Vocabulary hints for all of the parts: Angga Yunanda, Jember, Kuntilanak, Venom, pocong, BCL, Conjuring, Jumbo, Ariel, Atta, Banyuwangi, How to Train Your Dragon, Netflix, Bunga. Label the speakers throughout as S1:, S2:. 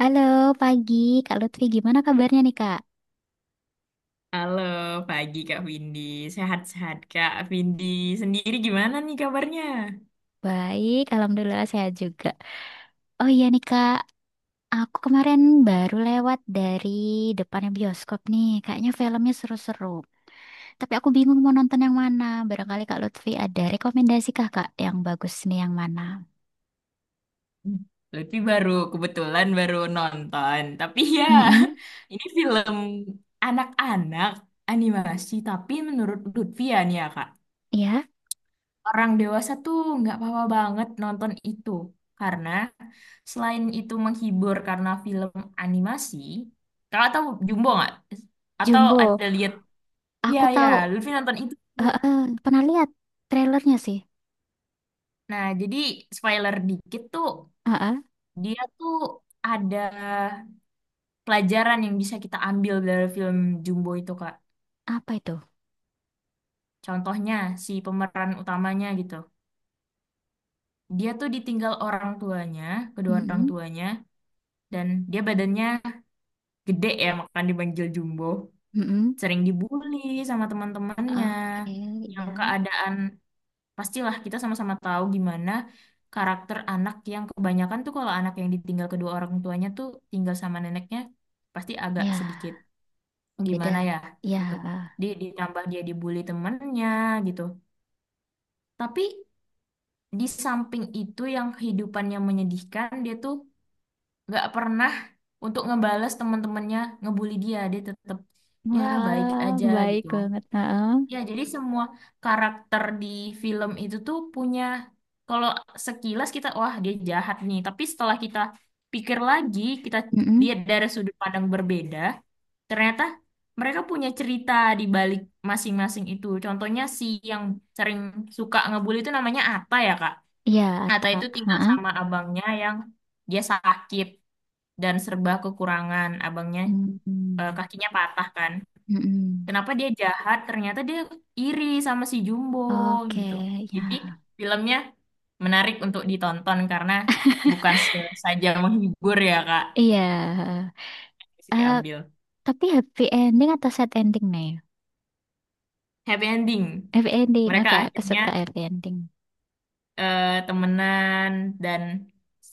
S1: Halo, pagi Kak Lutfi. Gimana kabarnya nih Kak?
S2: Halo, pagi Kak Windy. Sehat-sehat Kak Windy. Sendiri gimana nih kabarnya?
S1: Baik, Alhamdulillah sehat juga. Oh iya nih Kak, aku kemarin baru lewat dari depannya bioskop nih. Kayaknya filmnya seru-seru. Tapi aku bingung mau nonton yang mana. Barangkali Kak Lutfi ada rekomendasi kah Kak yang bagus nih yang mana?
S2: Hmm, Lutfi baru, kebetulan baru nonton. Tapi ya,
S1: mm
S2: ini film anak-anak animasi. Tapi menurut Lutfi ya nih ya Kak,
S1: ya.
S2: orang dewasa tuh nggak apa-apa banget nonton itu. Karena selain itu menghibur karena film animasi, Kakak tahu Jumbo nggak? Atau
S1: Jumbo.
S2: ada lihat? Iya,
S1: Aku
S2: ya,
S1: tahu,
S2: Lutfi nonton itu.
S1: eh, eh, pernah lihat trailernya sih.
S2: Nah, jadi spoiler dikit tuh,
S1: Eh, eh,
S2: dia tuh ada pelajaran yang bisa kita ambil dari film Jumbo itu, Kak.
S1: Apa itu?
S2: Contohnya, si pemeran utamanya gitu. Dia tuh ditinggal orang tuanya, kedua orang
S1: Mm-mm.
S2: tuanya, dan dia badannya gede ya, makanya dipanggil Jumbo.
S1: Mm-mm.
S2: Sering dibully sama teman-temannya,
S1: Oke,
S2: yang
S1: ya.
S2: keadaan. Pastilah kita sama-sama tahu gimana karakter anak yang kebanyakan tuh kalau anak yang ditinggal kedua orang tuanya tuh tinggal sama neneknya pasti agak
S1: Ya.
S2: sedikit gimana
S1: Beda.
S2: ya
S1: Ya.
S2: gitu.
S1: Ah.
S2: Dia ditambah dia dibully temennya gitu. Tapi di samping itu yang kehidupannya menyedihkan dia tuh nggak pernah untuk ngebales teman-temannya ngebully dia. Dia tetap ya baik
S1: Wah,
S2: aja
S1: baik
S2: gitu.
S1: banget. Heeh.
S2: Ya, jadi semua karakter di film itu tuh punya, kalau sekilas kita, wah dia jahat nih. Tapi setelah kita pikir lagi, kita
S1: Mm-mm.
S2: lihat dari sudut pandang berbeda, ternyata mereka punya cerita di balik masing-masing itu. Contohnya si yang sering suka ngebully itu namanya Atta ya, Kak.
S1: Ya,
S2: Atta itu
S1: Ata.
S2: tinggal
S1: Heeh.
S2: sama abangnya yang dia sakit dan serba kekurangan. Abangnya
S1: Mm-mm.
S2: kakinya patah kan.
S1: Mm-mm.
S2: Kenapa dia jahat? Ternyata dia iri sama si Jumbo
S1: Oke,
S2: gitu.
S1: ya.
S2: Jadi filmnya menarik untuk ditonton karena bukan se- saja menghibur ya Kak,
S1: Iya.
S2: terus
S1: Eh,
S2: diambil.
S1: tapi happy ending atau sad ending nih?
S2: Happy ending.
S1: Happy ending.
S2: Mereka
S1: Oke, aku
S2: akhirnya
S1: suka happy ending.
S2: temenan dan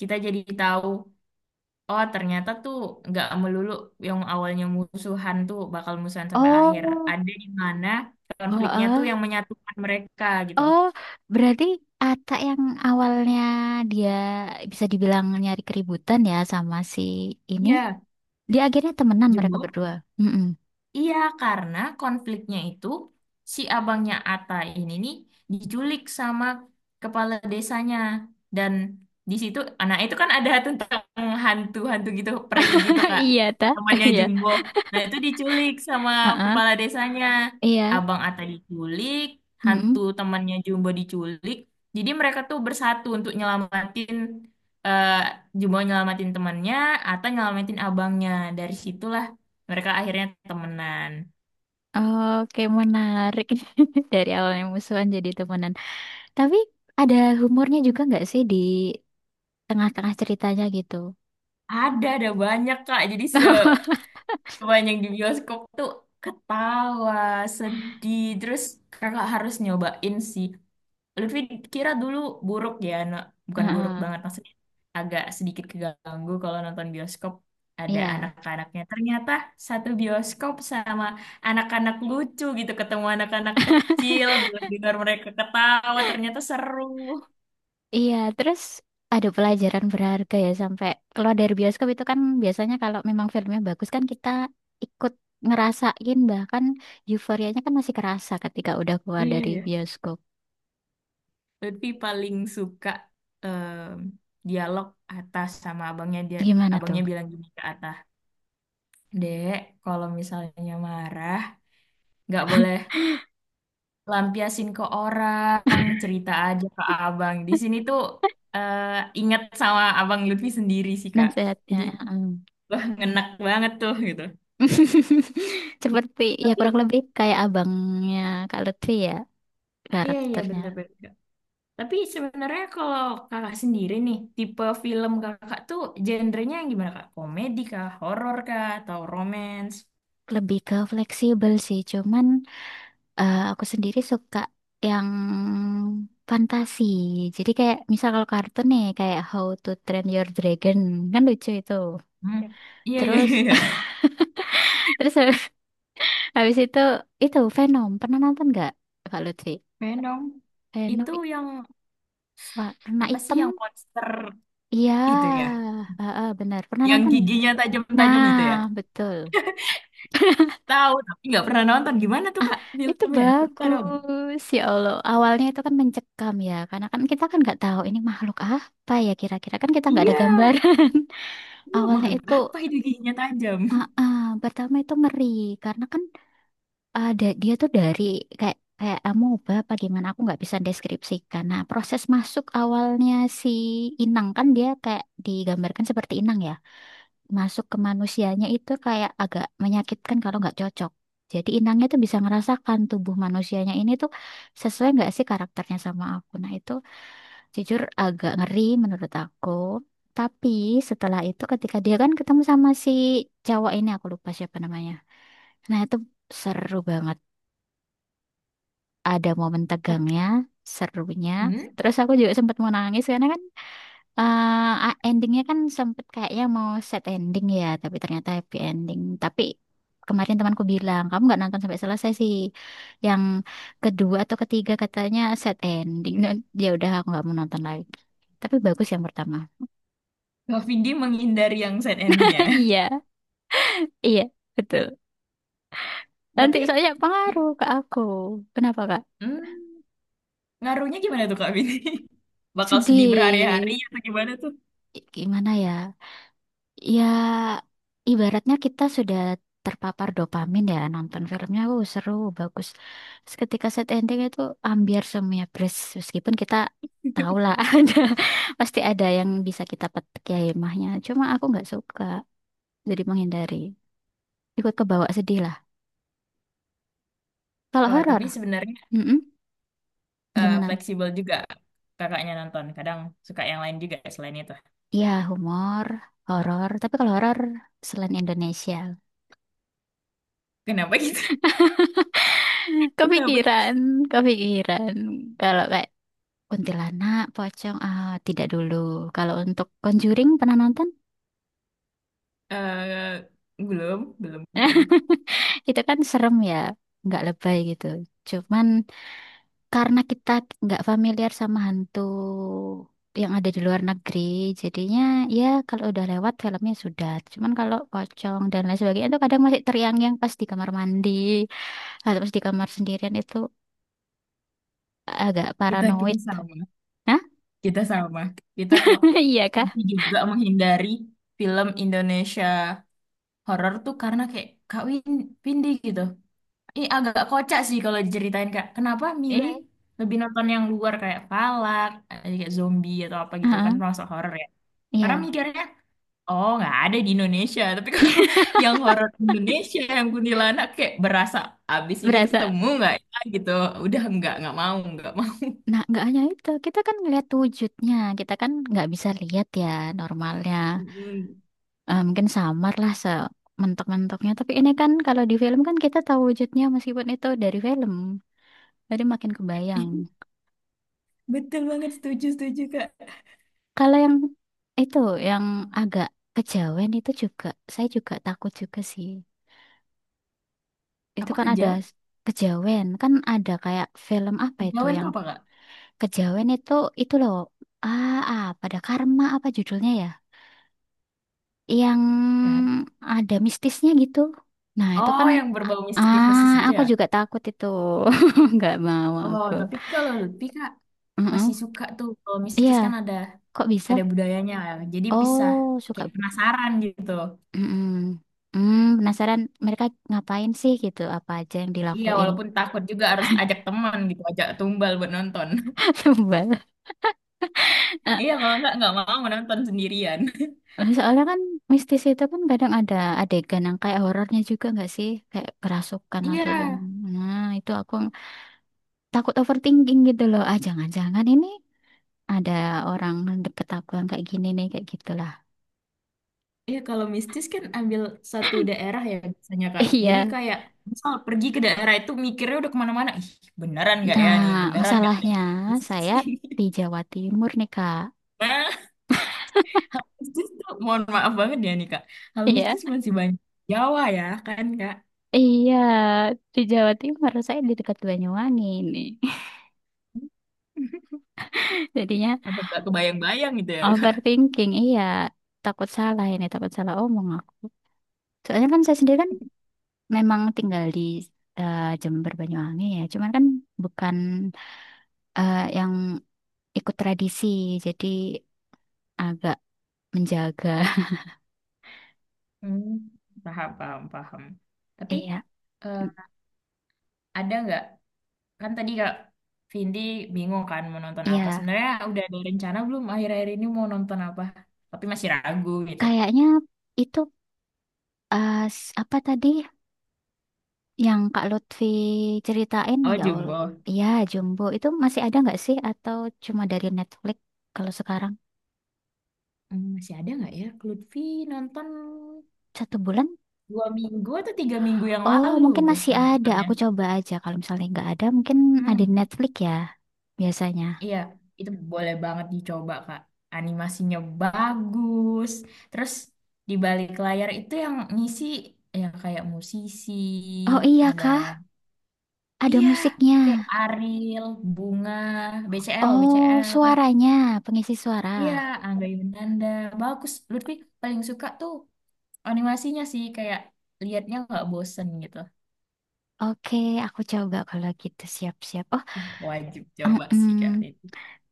S2: kita jadi tahu oh ternyata tuh nggak melulu yang awalnya musuhan tuh bakal musuhan sampai akhir.
S1: Oh,
S2: Ada di mana konfliknya tuh
S1: heeh.
S2: yang menyatukan mereka gitu.
S1: Oh, berarti Ata yang awalnya dia bisa dibilang nyari keributan ya sama si ini.
S2: Iya,
S1: Dia akhirnya temenan mereka
S2: Jumbo.
S1: berdua. Mm-mm.
S2: Iya, karena konfliknya itu si abangnya Ata ini nih diculik sama kepala desanya dan di situ anak itu kan ada tentang hantu-hantu gitu, peri gitu Kak.
S1: Iya, ta?
S2: Temannya
S1: Iya.
S2: Jumbo. Nah, itu diculik sama
S1: Heeh.
S2: kepala desanya.
S1: Iya.
S2: Abang Ata diculik, hantu
S1: Mm-mm.
S2: temannya Jumbo diculik. Jadi mereka tuh bersatu untuk nyelamatin eh Jumbo nyelamatin temannya, Ata nyelamatin abangnya. Dari situlah mereka akhirnya temenan.
S1: Oke, menarik. Dari awalnya musuhan jadi temenan. Tapi ada humornya juga nggak sih di tengah-tengah ceritanya gitu?
S2: Ada banyak, Kak. Jadi sebanyak di bioskop tuh ketawa, sedih. Terus kakak harus nyobain sih. Lutfi kira dulu buruk ya, bukan buruk
S1: Heeh.
S2: banget maksudnya. Agak sedikit keganggu kalau nonton bioskop ada
S1: Iya.
S2: anak-anaknya. Ternyata satu bioskop sama anak-anak lucu gitu. Ketemu anak-anak kecil, dengar mereka ketawa. Ternyata seru.
S1: Iya, terus ada pelajaran berharga ya sampai keluar dari bioskop itu kan biasanya kalau memang filmnya bagus kan kita ikut ngerasain bahkan euforianya kan masih kerasa ketika udah keluar
S2: Iya,
S1: dari
S2: ya.
S1: bioskop.
S2: Lutfi paling suka dialog atas sama abangnya dia.
S1: Gimana tuh
S2: Abangnya bilang gini ke Atta, "Dek, kalau misalnya marah, nggak boleh lampiasin ke orang, cerita aja ke abang." Di sini tuh eh, ingat sama abang Lutfi sendiri sih, Kak.
S1: nasihatnya?
S2: Jadi, wah, ngenak banget tuh gitu.
S1: Seperti ya kurang
S2: Tapi,
S1: lebih kayak abangnya Kak Lutfi ya
S2: iya,
S1: karakternya.
S2: bener-bener. Tapi sebenarnya kalau kakak sendiri nih, tipe film kakak tuh genrenya yang gimana kak? Komedi kah? Horor kah? Atau romance?
S1: Lebih ke fleksibel sih, cuman aku sendiri suka yang fantasi. Jadi kayak misal kalau kartun nih kayak How to Train Your Dragon kan lucu itu.
S2: Hmm, Iya, iya, iya.
S1: Terus
S2: iya.
S1: terus habis itu Venom. Pernah nonton nggak Kak Lutfi?
S2: Keren.
S1: Venom i-
S2: Itu yang
S1: warna
S2: apa sih
S1: hitam.
S2: yang monster itu
S1: Iya,
S2: ya?
S1: heeh, benar. Pernah
S2: Yang
S1: nonton?
S2: giginya tajam-tajam itu
S1: Nah,
S2: ya?
S1: betul.
S2: Tahu tapi nggak pernah nonton. Gimana tuh
S1: Ah,
S2: kak
S1: itu
S2: filmnya? Cerita dong.
S1: bagus. Ya Allah, awalnya itu kan mencekam ya, karena kan kita kan nggak tahu ini makhluk apa ya kira-kira kan kita nggak ada
S2: Iya,
S1: gambaran.
S2: iya
S1: Awalnya
S2: makhluk
S1: itu,
S2: apa itu giginya tajam?
S1: ah, ah, pertama itu ngeri karena kan ada dia tuh dari kayak kayak amoeba apa gimana aku nggak bisa deskripsikan. Nah, proses masuk awalnya si inang kan dia kayak digambarkan seperti inang ya masuk ke manusianya itu kayak agak menyakitkan kalau nggak cocok. Jadi inangnya tuh bisa ngerasakan tubuh manusianya ini tuh sesuai nggak sih karakternya sama aku. Nah itu jujur agak ngeri menurut aku. Tapi setelah itu ketika dia kan ketemu sama si cowok ini aku lupa siapa namanya. Nah itu seru banget. Ada momen tegangnya, serunya.
S2: Hmm?
S1: Terus aku juga sempat mau nangis karena kan Eh, endingnya kan sempet kayaknya mau set ending ya, tapi ternyata happy ending. Tapi kemarin temanku bilang, kamu nggak nonton sampai selesai sih. Yang kedua atau ketiga katanya set ending. Dan ya udah aku nggak mau nonton lagi. Tapi bagus yang pertama.
S2: Kak Vindi menghindari yang sad ending ya.
S1: Iya, iya, betul. Nanti
S2: Tapi,
S1: soalnya pengaruh ke aku. Kenapa, Kak?
S2: hmm. Ngaruhnya gimana tuh Kak Bini? Bakal sedih
S1: Sedih.
S2: berhari-hari atau gimana tuh?
S1: Gimana ya? Ya, ibaratnya kita sudah terpapar dopamin ya nonton filmnya, wow seru, bagus. Terus ketika set ending itu ambiar semuanya beres, meskipun kita tahu lah ada pasti ada yang bisa kita petik ya hikmahnya. Cuma aku nggak suka, jadi menghindari. Ikut kebawa sedih lah. Kalau
S2: Oh,
S1: horor,
S2: tapi sebenarnya
S1: mm-mm, gimana?
S2: fleksibel juga kakaknya nonton. Kadang suka yang lain juga selain itu.
S1: Ya humor, horor. Tapi kalau horor selain Indonesia,
S2: Kenapa gitu? Kenapa gitu?
S1: kepikiran, kepikiran. Kalau Kuntilanak, pocong, ah, tidak dulu. Kalau untuk Conjuring pernah nonton?
S2: Eh, belum, belum pernah.
S1: Itu kan serem ya, nggak lebay gitu. Cuman karena kita nggak familiar sama hantu yang ada di luar negeri, jadinya ya kalau udah lewat filmnya sudah. Cuman kalau pocong dan lain sebagainya itu kadang masih teriang-yang pas di kamar mandi atau pas di kamar sendirian itu agak
S2: Kita kita
S1: paranoid.
S2: sama,
S1: Hah?
S2: kita sama. Kita kok
S1: Iya kah?
S2: tapi juga menghindari film Indonesia horor tuh karena kayak Kak Win, Windy gitu. Ini agak kocak sih kalau diceritain Kak. Kenapa milih
S1: Iya.
S2: lebih nonton yang luar kayak Palak, eh, kayak zombie atau apa gitu kan
S1: Heeh,
S2: termasuk horor ya. Karena
S1: iya.
S2: mikirnya, oh nggak ada di Indonesia. Tapi kalau yang horor Indonesia yang kuntilanak kayak berasa abis ini
S1: Berasa.
S2: ketemu nggak ya gitu. Udah nggak mau nggak mau.
S1: Nah, nggak hanya itu, kita kan ngelihat wujudnya, kita kan nggak bisa lihat ya normalnya.
S2: Mm.
S1: Eh, mungkin samar lah sementok-mentoknya, tapi ini kan kalau di film kan kita tahu wujudnya meskipun itu dari film, jadi makin kebayang.
S2: Ih, betul banget setuju setuju Kak.
S1: Kalau yang itu, yang agak kejawen itu juga, saya juga takut juga sih. Itu
S2: Apa
S1: kan ada
S2: kejauh?
S1: kejawen, kan ada kayak film apa itu
S2: Kejauhan
S1: yang
S2: tuh apa Kak?
S1: kejawen itu loh, ah, apa ada karma apa judulnya ya? Yang
S2: Kan?
S1: ada mistisnya gitu. Nah, itu
S2: Oh
S1: kan
S2: yang berbau
S1: ah
S2: mistis-mistis gitu
S1: aku
S2: ya.
S1: juga takut itu. Nggak mau
S2: Oh,
S1: aku.
S2: tapi kalau Lutfi Kak
S1: Mm-mm.
S2: masih suka tuh kalau
S1: Iya,
S2: mistis kan ada
S1: kok bisa?
S2: ada budayanya ya. Jadi bisa
S1: Oh, suka
S2: kayak
S1: bu.
S2: penasaran gitu.
S1: Mm-mm. Hmm, penasaran mereka ngapain sih gitu? Apa aja yang
S2: Iya,
S1: dilakuin?
S2: walaupun takut juga harus ajak teman gitu, ajak tumbal buat nonton.
S1: Sebel.
S2: Iya, kalau nggak mau nonton sendirian.
S1: Soalnya kan mistis itu kan kadang ada adegan yang kayak horornya juga nggak sih? Kayak kerasukan atau
S2: Iya,
S1: gimana. Nah, itu aku takut overthinking gitu loh. Ah, jangan-jangan ini ada orang deket aku yang kayak gini nih kayak gitulah
S2: iya kalau mistis kan ambil satu daerah ya biasanya Kak.
S1: iya
S2: Jadi kayak misal pergi ke daerah itu mikirnya udah kemana-mana. Ih, beneran nggak ya
S1: nah
S2: nih? Beneran nggak ada
S1: masalahnya
S2: mistis
S1: saya
S2: ini?
S1: di Jawa Timur nih kak
S2: Hal mistis tuh, mohon maaf banget ya nih Kak. Hal
S1: iya
S2: mistis masih banyak Jawa ya kan Kak?
S1: iya di Jawa Timur saya di dekat Banyuwangi nih jadinya
S2: Apa nggak kebayang-bayang gitu ya Kak?
S1: overthinking iya takut salah ini takut salah omong aku soalnya kan saya sendiri kan memang tinggal di Jember Banyuwangi ya cuman kan bukan yang ikut tradisi jadi agak menjaga
S2: Hmm, paham, paham, paham. Tapi
S1: iya
S2: eh,
S1: mm,
S2: ada nggak? Kan tadi Kak Vindi bingung kan mau nonton apa.
S1: iya.
S2: Sebenarnya udah ada rencana belum akhir-akhir ini mau nonton apa? Tapi masih ragu gitu.
S1: Kayaknya itu apa tadi yang Kak Lutfi ceritain
S2: Oh,
S1: ya Allah.
S2: Jumbo.
S1: Iya, Jumbo itu masih ada nggak sih atau cuma dari Netflix kalau sekarang?
S2: Hmm, masih ada nggak ya? Lutfi nonton
S1: Satu bulan?
S2: 2 minggu atau 3 minggu yang
S1: Oh,
S2: lalu
S1: mungkin
S2: tuh
S1: masih ada.
S2: nontonnya.
S1: Aku coba aja. Kalau misalnya nggak ada, mungkin ada di
S2: Hmm.
S1: Netflix ya biasanya.
S2: Iya, itu boleh banget dicoba, Kak. Animasinya bagus. Terus di balik layar itu yang ngisi ya kayak musisi,
S1: Oh iya
S2: ada
S1: kah? Ada
S2: iya,
S1: musiknya.
S2: kayak Ariel, Bunga, BCL,
S1: Oh,
S2: BCL.
S1: suaranya, pengisi
S2: Iya,
S1: suara.
S2: Angga Yunanda. Bagus. Lutfi paling suka tuh animasinya sih kayak liatnya nggak bosen gitu.
S1: Oke, aku coba kalau gitu siap-siap.
S2: Iya, wajib
S1: Oh,
S2: coba
S1: mm-mm.
S2: sih, Kak. Itu.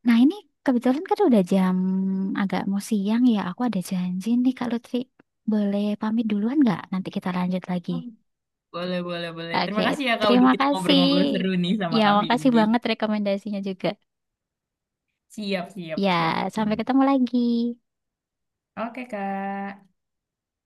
S1: Nah, ini kebetulan kan udah jam agak mau siang ya. Aku ada janji nih Kak Lutfi. Boleh pamit duluan nggak? Nanti kita lanjut lagi.
S2: Boleh, boleh, boleh.
S1: Oke,
S2: Terima kasih ya, Kak, udah
S1: terima
S2: kita
S1: kasih.
S2: ngobrol-ngobrol seru nih sama
S1: Ya,
S2: Kak
S1: makasih
S2: Vindi.
S1: banget rekomendasinya juga.
S2: Siap, siap,
S1: Ya,
S2: siap Kak
S1: sampai
S2: Vini.
S1: ketemu lagi.
S2: Oke Kak,